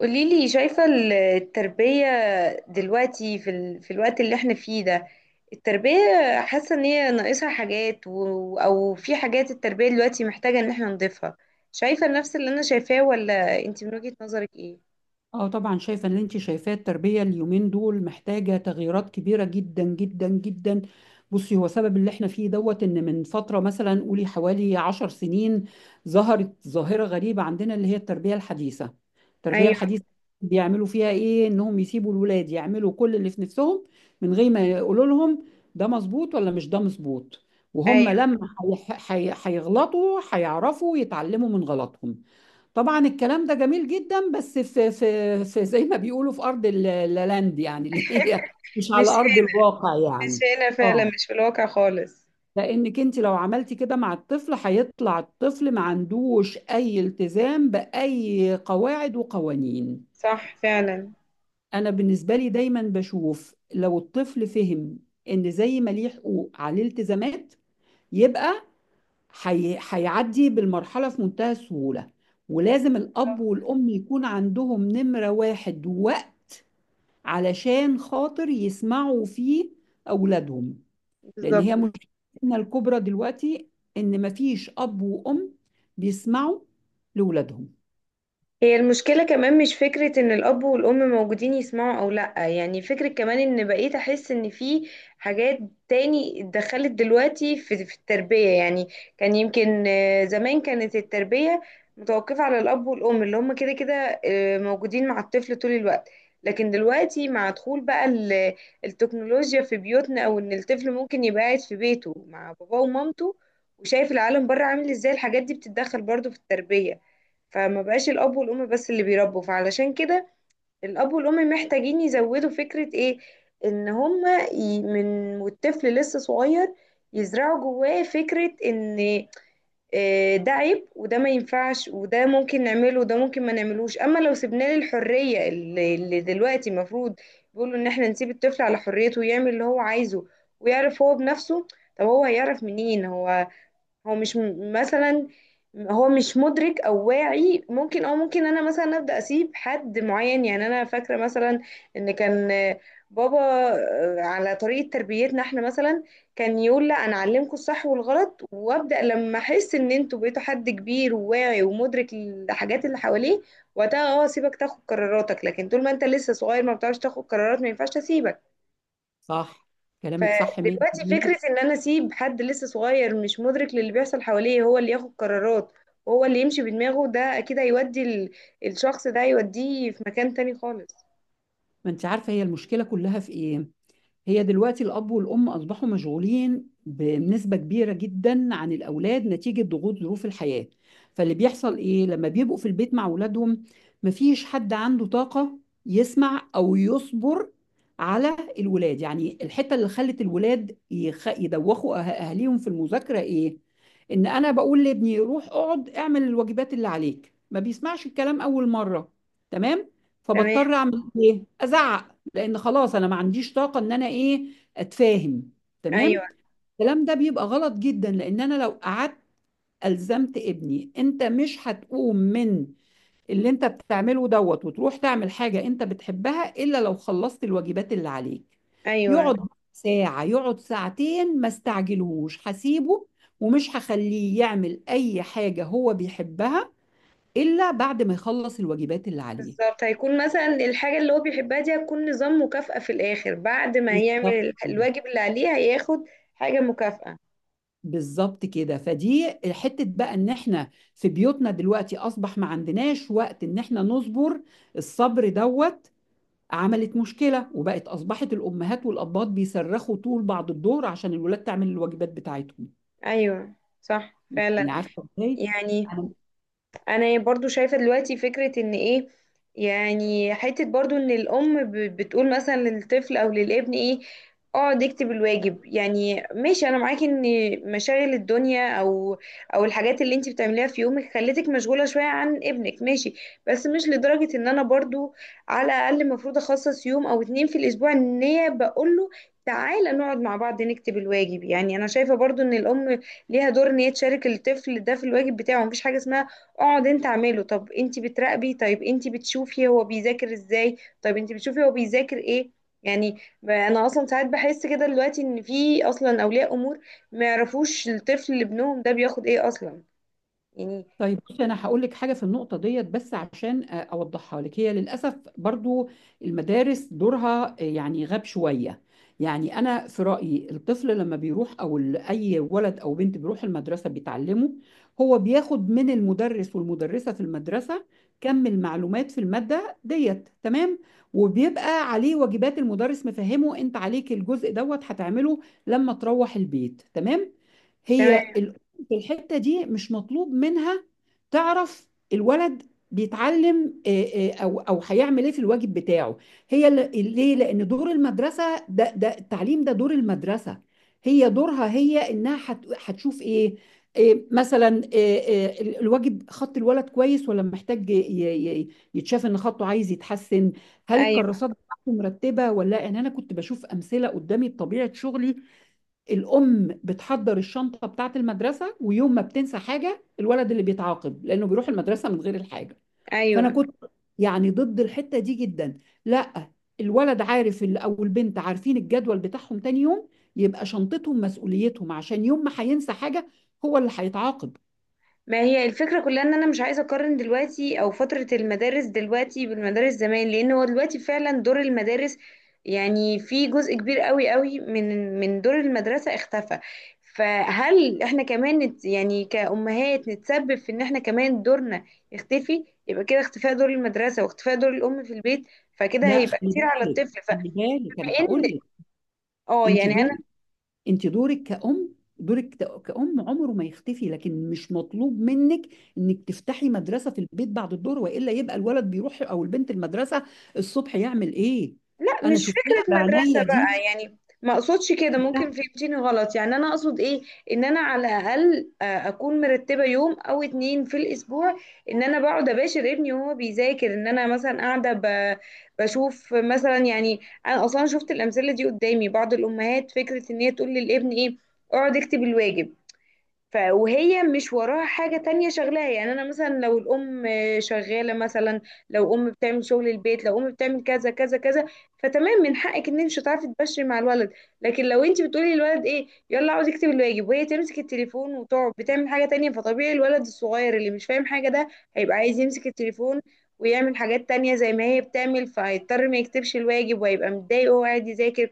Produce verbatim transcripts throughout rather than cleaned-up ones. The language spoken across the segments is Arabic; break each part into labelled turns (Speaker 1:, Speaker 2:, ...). Speaker 1: قوليلي شايفة التربية دلوقتي في, ال... في الوقت اللي احنا فيه ده. التربية، حاسة ان هي ناقصها حاجات و... او في حاجات التربية دلوقتي محتاجة ان احنا نضيفها. شايفة نفس اللي انا شايفاه ولا انت من وجهة نظرك ايه؟
Speaker 2: اه، طبعا شايفه ان انت شايفاه التربيه اليومين دول محتاجه تغييرات كبيره جدا جدا جدا. بصي، هو سبب اللي احنا فيه دوت ان من فتره، مثلا قولي حوالي عشر سنين، ظهرت ظاهره غريبه عندنا اللي هي التربيه الحديثه التربيه
Speaker 1: ايوه.
Speaker 2: الحديثه بيعملوا فيها ايه؟ انهم يسيبوا الولاد يعملوا كل اللي في نفسهم من غير ما يقولوا لهم ده مظبوط ولا مش ده مظبوط، وهم
Speaker 1: ايوه.
Speaker 2: لما هيح- هي- هيغلطوا هيعرفوا يتعلموا من غلطهم. طبعا الكلام ده جميل جدا، بس في في في زي ما بيقولوا في ارض ال- اللاند يعني، اللي هي مش
Speaker 1: مش
Speaker 2: على ارض
Speaker 1: هنا.
Speaker 2: الواقع يعني.
Speaker 1: مش هنا فعلا،
Speaker 2: اه،
Speaker 1: مش في الواقع خالص.
Speaker 2: لانك انت لو عملتي كده مع الطفل هيطلع الطفل ما عندوش اي التزام باي قواعد وقوانين.
Speaker 1: صح فعلا.
Speaker 2: انا بالنسبه لي دايما بشوف لو الطفل فهم ان زي ما ليه حقوق عليه التزامات، يبقى حي... هيعدي بالمرحلة في منتهى السهولة. ولازم الأب والأم يكون عندهم نمرة واحد وقت، علشان خاطر يسمعوا فيه أولادهم. لأن
Speaker 1: بالظبط.
Speaker 2: هي مشكلتنا الكبرى دلوقتي إن مفيش أب وأم بيسمعوا لأولادهم.
Speaker 1: هي المشكلة كمان مش فكرة ان الاب والام موجودين يسمعوا او لا، يعني فكرة كمان ان بقيت احس ان في حاجات تاني اتدخلت دلوقتي في, في التربية. يعني كان يمكن آه، زمان كانت التربية متوقفة على الاب والام اللي هم كده كده آه، موجودين مع الطفل طول الوقت. لكن دلوقتي مع دخول بقى ال- التكنولوجيا في بيوتنا، او ان الطفل ممكن يبقى قاعد في بيته مع باباه ومامته وشايف العالم بره عامل ازاي الحاجات دي بتتدخل برضو في التربية. فما بقاش الاب والام بس اللي بيربوا، فعلشان كده الاب والام محتاجين يزودوا فكرة ايه، ان هما ي- من والطفل لسه صغير يزرعوا جواه فكرة ان آه، ده عيب وده ما ينفعش وده ممكن نعمله وده ممكن ما نعملوش. اما لو سيبنا له الحرية اللي اللي دلوقتي المفروض بيقولوا ان احنا نسيب الطفل على حريته ويعمل اللي هو عايزه ويعرف هو بنفسه. طب هو هيعرف منين؟ هو هو مش م- مثلا هو مش مدرك او واعي. ممكن، او ممكن انا مثلا ابدا اسيب حد معين، يعني انا فاكره مثلا ان كان بابا آه، على طريقه تربيتنا احنا مثلا كان يقول لا انا اعلمكم الصح والغلط، وابدا لما احس ان انتوا بقيتوا حد كبير وواعي ومدرك الحاجات اللي حواليه وقتها اه اسيبك تاخد قراراتك. لكن طول ما انت لسه صغير ما بتعرفش تاخد قرارات، ما ينفعش اسيبك.
Speaker 2: صح، كلامك صح
Speaker 1: فدلوقتي فكرة
Speaker 2: مية بالمية.
Speaker 1: ان انا اسيب حد لسه صغير مش مدرك للي بيحصل حواليه هو اللي ياخد قرارات وهو اللي يمشي بدماغه، ده اكيد هيودي ال- الشخص ده هيوديه في مكان تاني خالص.
Speaker 2: ما أنت عارفة هي المشكلة كلها في إيه؟ هي دلوقتي الأب والأم أصبحوا مشغولين بنسبة كبيرة جدا عن الأولاد نتيجة ضغوط ظروف الحياة. فاللي بيحصل إيه لما بيبقوا في البيت مع أولادهم؟ مفيش حد عنده طاقة يسمع أو يصبر على الولاد. يعني الحتة اللي خلت الولاد يخ... يدوخوا أه- أهاليهم في المذاكرة إيه؟ إن أنا بقول لابني روح اقعد اعمل الواجبات اللي عليك، ما بيسمعش الكلام أول مرة، تمام،
Speaker 1: تمام.
Speaker 2: فبضطر أعمل إيه؟ أزعق، لان خلاص انا ما عنديش طاقه ان انا ايه، اتفاهم،
Speaker 1: ايوه.
Speaker 2: تمام. الكلام ده بيبقى غلط جدا، لان انا لو قعدت الزمت ابني انت مش هتقوم من اللي انت بتعمله دوت وتروح تعمل حاجة انت بتحبها الا لو خلصت الواجبات اللي عليك،
Speaker 1: ايوه.
Speaker 2: يقعد ساعة يقعد ساعتين، ما استعجلهوش، هسيبه ومش هخليه يعمل اي حاجة هو بيحبها الا بعد ما يخلص الواجبات اللي عليه.
Speaker 1: بالظبط، هيكون مثلا الحاجة اللي هو بيحبها دي هتكون نظام مكافأة في الاخر، بعد ما هيعمل
Speaker 2: بالظبط
Speaker 1: ال-
Speaker 2: كده.
Speaker 1: الواجب اللي عليه هياخد حاجة مكافأة.
Speaker 2: بالظبط كده، فدي حتة بقى ان احنا في بيوتنا دلوقتي اصبح ما عندناش وقت ان احنا نصبر. الصبر دوت عملت مشكلة، وبقت اصبحت الامهات والابات بيصرخوا طول بعد الظهر عشان الولاد تعمل الواجبات بتاعتهم.
Speaker 1: ايوه. صح فعلا.
Speaker 2: يعني عارفة ازاي؟
Speaker 1: يعني
Speaker 2: انا،
Speaker 1: انا برضو شايفة دلوقتي فكرة ان ايه، يعني حتة برضو ان الام ب- بتقول مثلا للطفل او للابن ايه، اقعد اكتب الواجب. يعني ماشي، انا معاكي ان مشاغل الدنيا او او الحاجات اللي انت بتعمليها في يومك خلتك مشغولة شوية عن ابنك، ماشي. بس مش لدرجة ان انا برضو، على الاقل المفروض اخصص يوم او اتنين في الاسبوع ان هي بقول له تعالى نقعد مع بعض نكتب الواجب. يعني انا شايفة برضو ان الام ليها دور ان هي تشارك الطفل ده في الواجب بتاعه. مفيش حاجة اسمها اقعد انت اعمله. طب انت بتراقبي؟ طيب انت بتشوفي هو بيذاكر ازاي؟ طيب انت بتشوفي هو بيذاكر ايه؟ يعني، ب- انا اصلا ساعات بحس كده دلوقتي ان في اصلا اولياء امور ما يعرفوش الطفل اللي ابنهم ده بياخد ايه اصلا، يعني.
Speaker 2: طيب بصي، انا هقول لك حاجه في النقطه ديت، بس عشان آه، اوضحها لك. هي للاسف برضو المدارس دورها آه، يعني غاب شويه. يعني انا في رايي الطفل لما بيروح، او ال- اي ولد او بنت بيروح المدرسه بيتعلمه، هو بياخد من المدرس والمدرسه في المدرسه كم المعلومات في الماده ديت، تمام؟ وبيبقى عليه واجبات، المدرس مفهمه انت عليك الجزء دوت هتعمله لما تروح البيت، تمام؟
Speaker 1: تمام.
Speaker 2: هي الأم في الحتة دي مش مطلوب منها تعرف الولد بيتعلم آه، آه، او او هيعمل ايه في الواجب بتاعه. هي ل- ليه؟ لان دور المدرسة ده ده التعليم، ده دور المدرسة. هي دورها هي انها هت- هتشوف ايه؟ آه، مثلا آه، آه، ال- الواجب، خط الولد كويس ولا محتاج ي- ي- ي- يتشاف ان خطه عايز يتحسن، هل
Speaker 1: ايوه.
Speaker 2: الكراسات بتاعته مرتبه ولا لا. يعني انا كنت بشوف امثله قدامي بطبيعه شغلي. الأم بتحضر الشنطة بتاعة المدرسة، ويوم ما بتنسى حاجة، الولد اللي بيتعاقب لأنه بيروح المدرسة من غير الحاجة، فأنا
Speaker 1: ايوه.
Speaker 2: كنت يعني ضد الحتة دي جدا. لا، الولد عارف ال- أو البنت عارفين الجدول بتاعهم تاني يوم، يبقى شنطتهم مسؤوليتهم، عشان يوم ما هينسى حاجة هو اللي هيتعاقب.
Speaker 1: ما هي الفكرة كلها ان انا مش عايزة اقارن دلوقتي او فترة المدارس دلوقتي بالمدارس زمان، لان هو دلوقتي فعلا دور المدارس، يعني في جزء كبير قوي قوي من من دور المدرسة اختفى. فهل احنا كمان نت يعني كأمهات نتسبب في ان احنا كمان دورنا يختفي؟ يبقى كده اختفاء دور المدرسة واختفاء دور الام في البيت، فكده
Speaker 2: لا،
Speaker 1: هيبقى
Speaker 2: خلي
Speaker 1: كتير على
Speaker 2: بالك،
Speaker 1: الطفل.
Speaker 2: خلي بالك
Speaker 1: فبما
Speaker 2: أنا
Speaker 1: ان
Speaker 2: هقول لك،
Speaker 1: اه
Speaker 2: أنت
Speaker 1: يعني،
Speaker 2: دول انت دورك كأم، دورك ت- كأم عمره ما يختفي، لكن مش مطلوب منك انك تفتحي مدرسة في البيت بعد الظهر، والا يبقى الولد بيروح او البنت المدرسة الصبح يعمل ايه؟
Speaker 1: لا
Speaker 2: انا
Speaker 1: مش
Speaker 2: شفتها
Speaker 1: فكرة مدرسة
Speaker 2: بعناية دي،
Speaker 1: بقى، يعني ما اقصدش كده. ممكن
Speaker 2: شفتها.
Speaker 1: فهمتيني غلط. يعني انا اقصد ايه، ان انا على الاقل آه، اكون مرتبة يوم او اتنين في الاسبوع ان انا بقعد اباشر ابني وهو بيذاكر، ان انا مثلا قاعدة ب- بشوف مثلا. يعني انا اصلا شفت الامثلة دي قدامي، بعض الامهات فكرة ان هي تقول للابن ايه، اقعد اكتب الواجب. ف وهي مش وراها حاجة تانية شغلاها. يعني أنا مثلا لو الأم شغالة مثلا، لو أم بتعمل شغل البيت، لو أم بتعمل كذا كذا كذا، فتمام، من حقك إن أنت مش هتعرفي تبشري مع الولد. لكن لو أنت بتقولي للولد إيه، يلا عاوز يكتب الواجب، وهي تمسك التليفون وتقعد بتعمل حاجة تانية، فطبيعي الولد الصغير اللي مش فاهم حاجة ده هيبقى عايز يمسك التليفون ويعمل حاجات تانية زي ما هي بتعمل. فهيضطر ما يكتبش الواجب وهيبقى متضايق وهو قاعد يذاكر.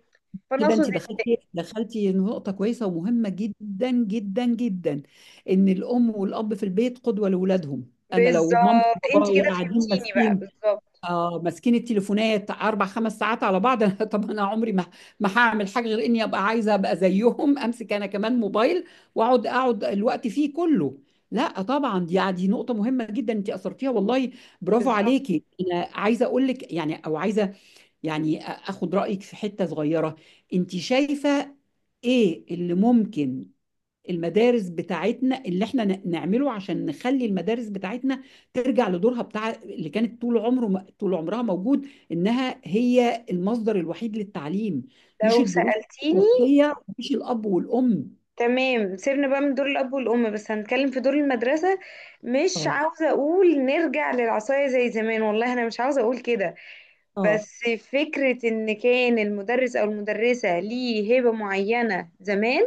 Speaker 1: فأنا
Speaker 2: كده
Speaker 1: أقصد
Speaker 2: انت
Speaker 1: إن.
Speaker 2: دخلتي دخلتي نقطة كويسة ومهمة جدا جدا جدا، ان الام والاب في البيت قدوة لاولادهم. انا لو مامتي
Speaker 1: بالظبط، أنت
Speaker 2: وبابايا
Speaker 1: كده
Speaker 2: قاعدين
Speaker 1: فهمتيني بقى،
Speaker 2: ماسكين،
Speaker 1: بالظبط.
Speaker 2: اه، ماسكين التليفونات اربع خمس ساعات على بعض، أنا طب انا عمري ما ما هعمل حاجه غير اني ابقى عايزه ابقى زيهم، امسك انا كمان موبايل واقعد اقعد الوقت فيه كله. لا طبعا، دي دي نقطه مهمه جدا انت اثرتيها والله، برافو
Speaker 1: بالظبط.
Speaker 2: عليكي. انا عايزه اقول لك يعني، او عايزه يعني أ- اخد رايك في حته صغيره. انت شايفه ايه اللي ممكن المدارس بتاعتنا اللي احنا ن- نعمله عشان نخلي المدارس بتاعتنا ترجع لدورها بتاع اللي كانت طول عمره، طول عمرها موجود، انها هي المصدر الوحيد للتعليم، مش
Speaker 1: لو
Speaker 2: الدروس،
Speaker 1: سألتيني،
Speaker 2: الوصية، مش الاب والام.
Speaker 1: تمام، سيبنا بقى من دور الأب والأم، بس هنتكلم في دور المدرسة. مش
Speaker 2: اه،
Speaker 1: عاوزة أقول نرجع للعصاية زي زمان، والله أنا مش عاوزة أقول كده.
Speaker 2: اه،
Speaker 1: بس فكرة إن كان المدرس أو المدرسة ليه هيبة معينة زمان،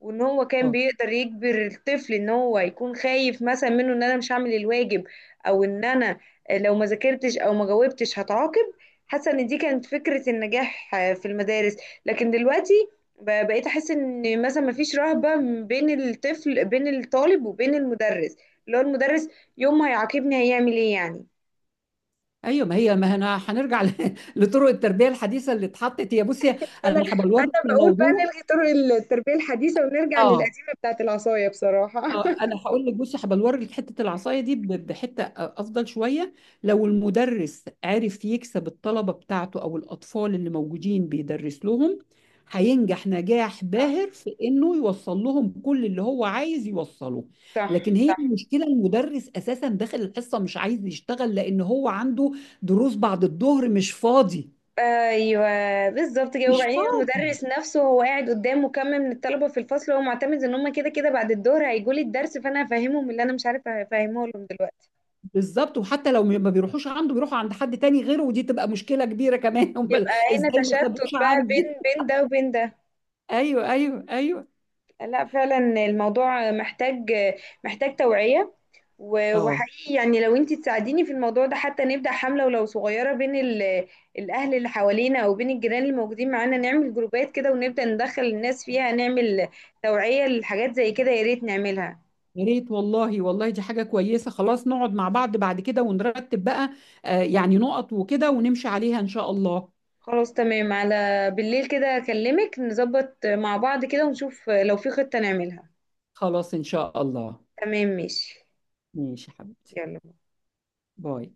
Speaker 1: وان هو كان
Speaker 2: اه.
Speaker 1: بيقدر يجبر الطفل ان هو يكون خايف مثلا منه ان انا مش هعمل الواجب، او ان انا لو ما ذاكرتش او ما جاوبتش هتعاقب. حاسه ان دي كانت فكره النجاح في المدارس. لكن دلوقتي ب- بقيت احس ان مثلا ما فيش رهبه بين الطفل، بين الطالب وبين المدرس، اللي هو المدرس يوم ما هيعاقبني هيعمل ايه يعني؟
Speaker 2: ايوه، ما هي، ما انا هنرجع ل- لطرق التربيه الحديثه اللي اتحطت. هي، بصي انا
Speaker 1: انا
Speaker 2: هبلور
Speaker 1: انا
Speaker 2: في
Speaker 1: بقول بقى
Speaker 2: الموضوع.
Speaker 1: نلغي طرق التربيه الحديثه ونرجع
Speaker 2: اه،
Speaker 1: للقديمه بتاعت العصايه بصراحه
Speaker 2: اه، انا هقول لك، بصي، هبقى اوريك حته العصايه دي ب- بحته آه، افضل شويه. لو المدرس عرف يكسب الطلبه بتاعته او الاطفال اللي موجودين بيدرس لهم، هينجح نجاح باهر في انه يوصل لهم كل اللي هو عايز يوصله. لكن
Speaker 1: صح.
Speaker 2: هي
Speaker 1: صح.
Speaker 2: المشكله، المدرس اساسا داخل الحصه مش عايز يشتغل، لان هو عنده دروس بعد الظهر، مش فاضي،
Speaker 1: ايوه، بالظبط كده.
Speaker 2: مش
Speaker 1: وبعدين
Speaker 2: فاضي.
Speaker 1: المدرس نفسه هو قاعد قدام مكمل من الطلبه في الفصل وهو معتمد ان هم كده كده بعد الظهر هيجوا لي الدرس، فانا هفهمهم اللي انا مش عارفه افهمه لهم دلوقتي.
Speaker 2: بالظبط، وحتى لو ما بيروحوش عنده بيروحوا عند حد تاني غيره، ودي تبقى مشكلة كبيرة كمان. امال
Speaker 1: يبقى هنا
Speaker 2: ازاي ما
Speaker 1: تشتت
Speaker 2: سابوش
Speaker 1: بقى
Speaker 2: عندي؟
Speaker 1: بين بين ده وبين ده.
Speaker 2: ايوه، ايوه، ايوه.
Speaker 1: لا فعلا الموضوع محتاج محتاج توعية. و-
Speaker 2: اه.
Speaker 1: وحقيقي يعني لو انتي تساعديني في الموضوع ده حتى نبدأ حملة ولو صغيرة بين ال- الأهل اللي حوالينا أو بين الجيران اللي موجودين معانا، نعمل جروبات كده ونبدأ ندخل الناس فيها، نعمل توعية لحاجات زي كده، يا ريت نعملها.
Speaker 2: يا ريت والله، والله دي حاجة كويسة، خلاص نقعد مع بعض بعد كده ونرتب بقى، آه، يعني نقط وكده ونمشي عليها ان شاء الله.
Speaker 1: خلاص تمام، على بالليل كده أكلمك نظبط مع بعض كده ونشوف لو في خطة نعملها.
Speaker 2: خلاص ان شاء الله.
Speaker 1: تمام، ماشي.
Speaker 2: ماشي يا حبيبتي.
Speaker 1: يلا.
Speaker 2: باي.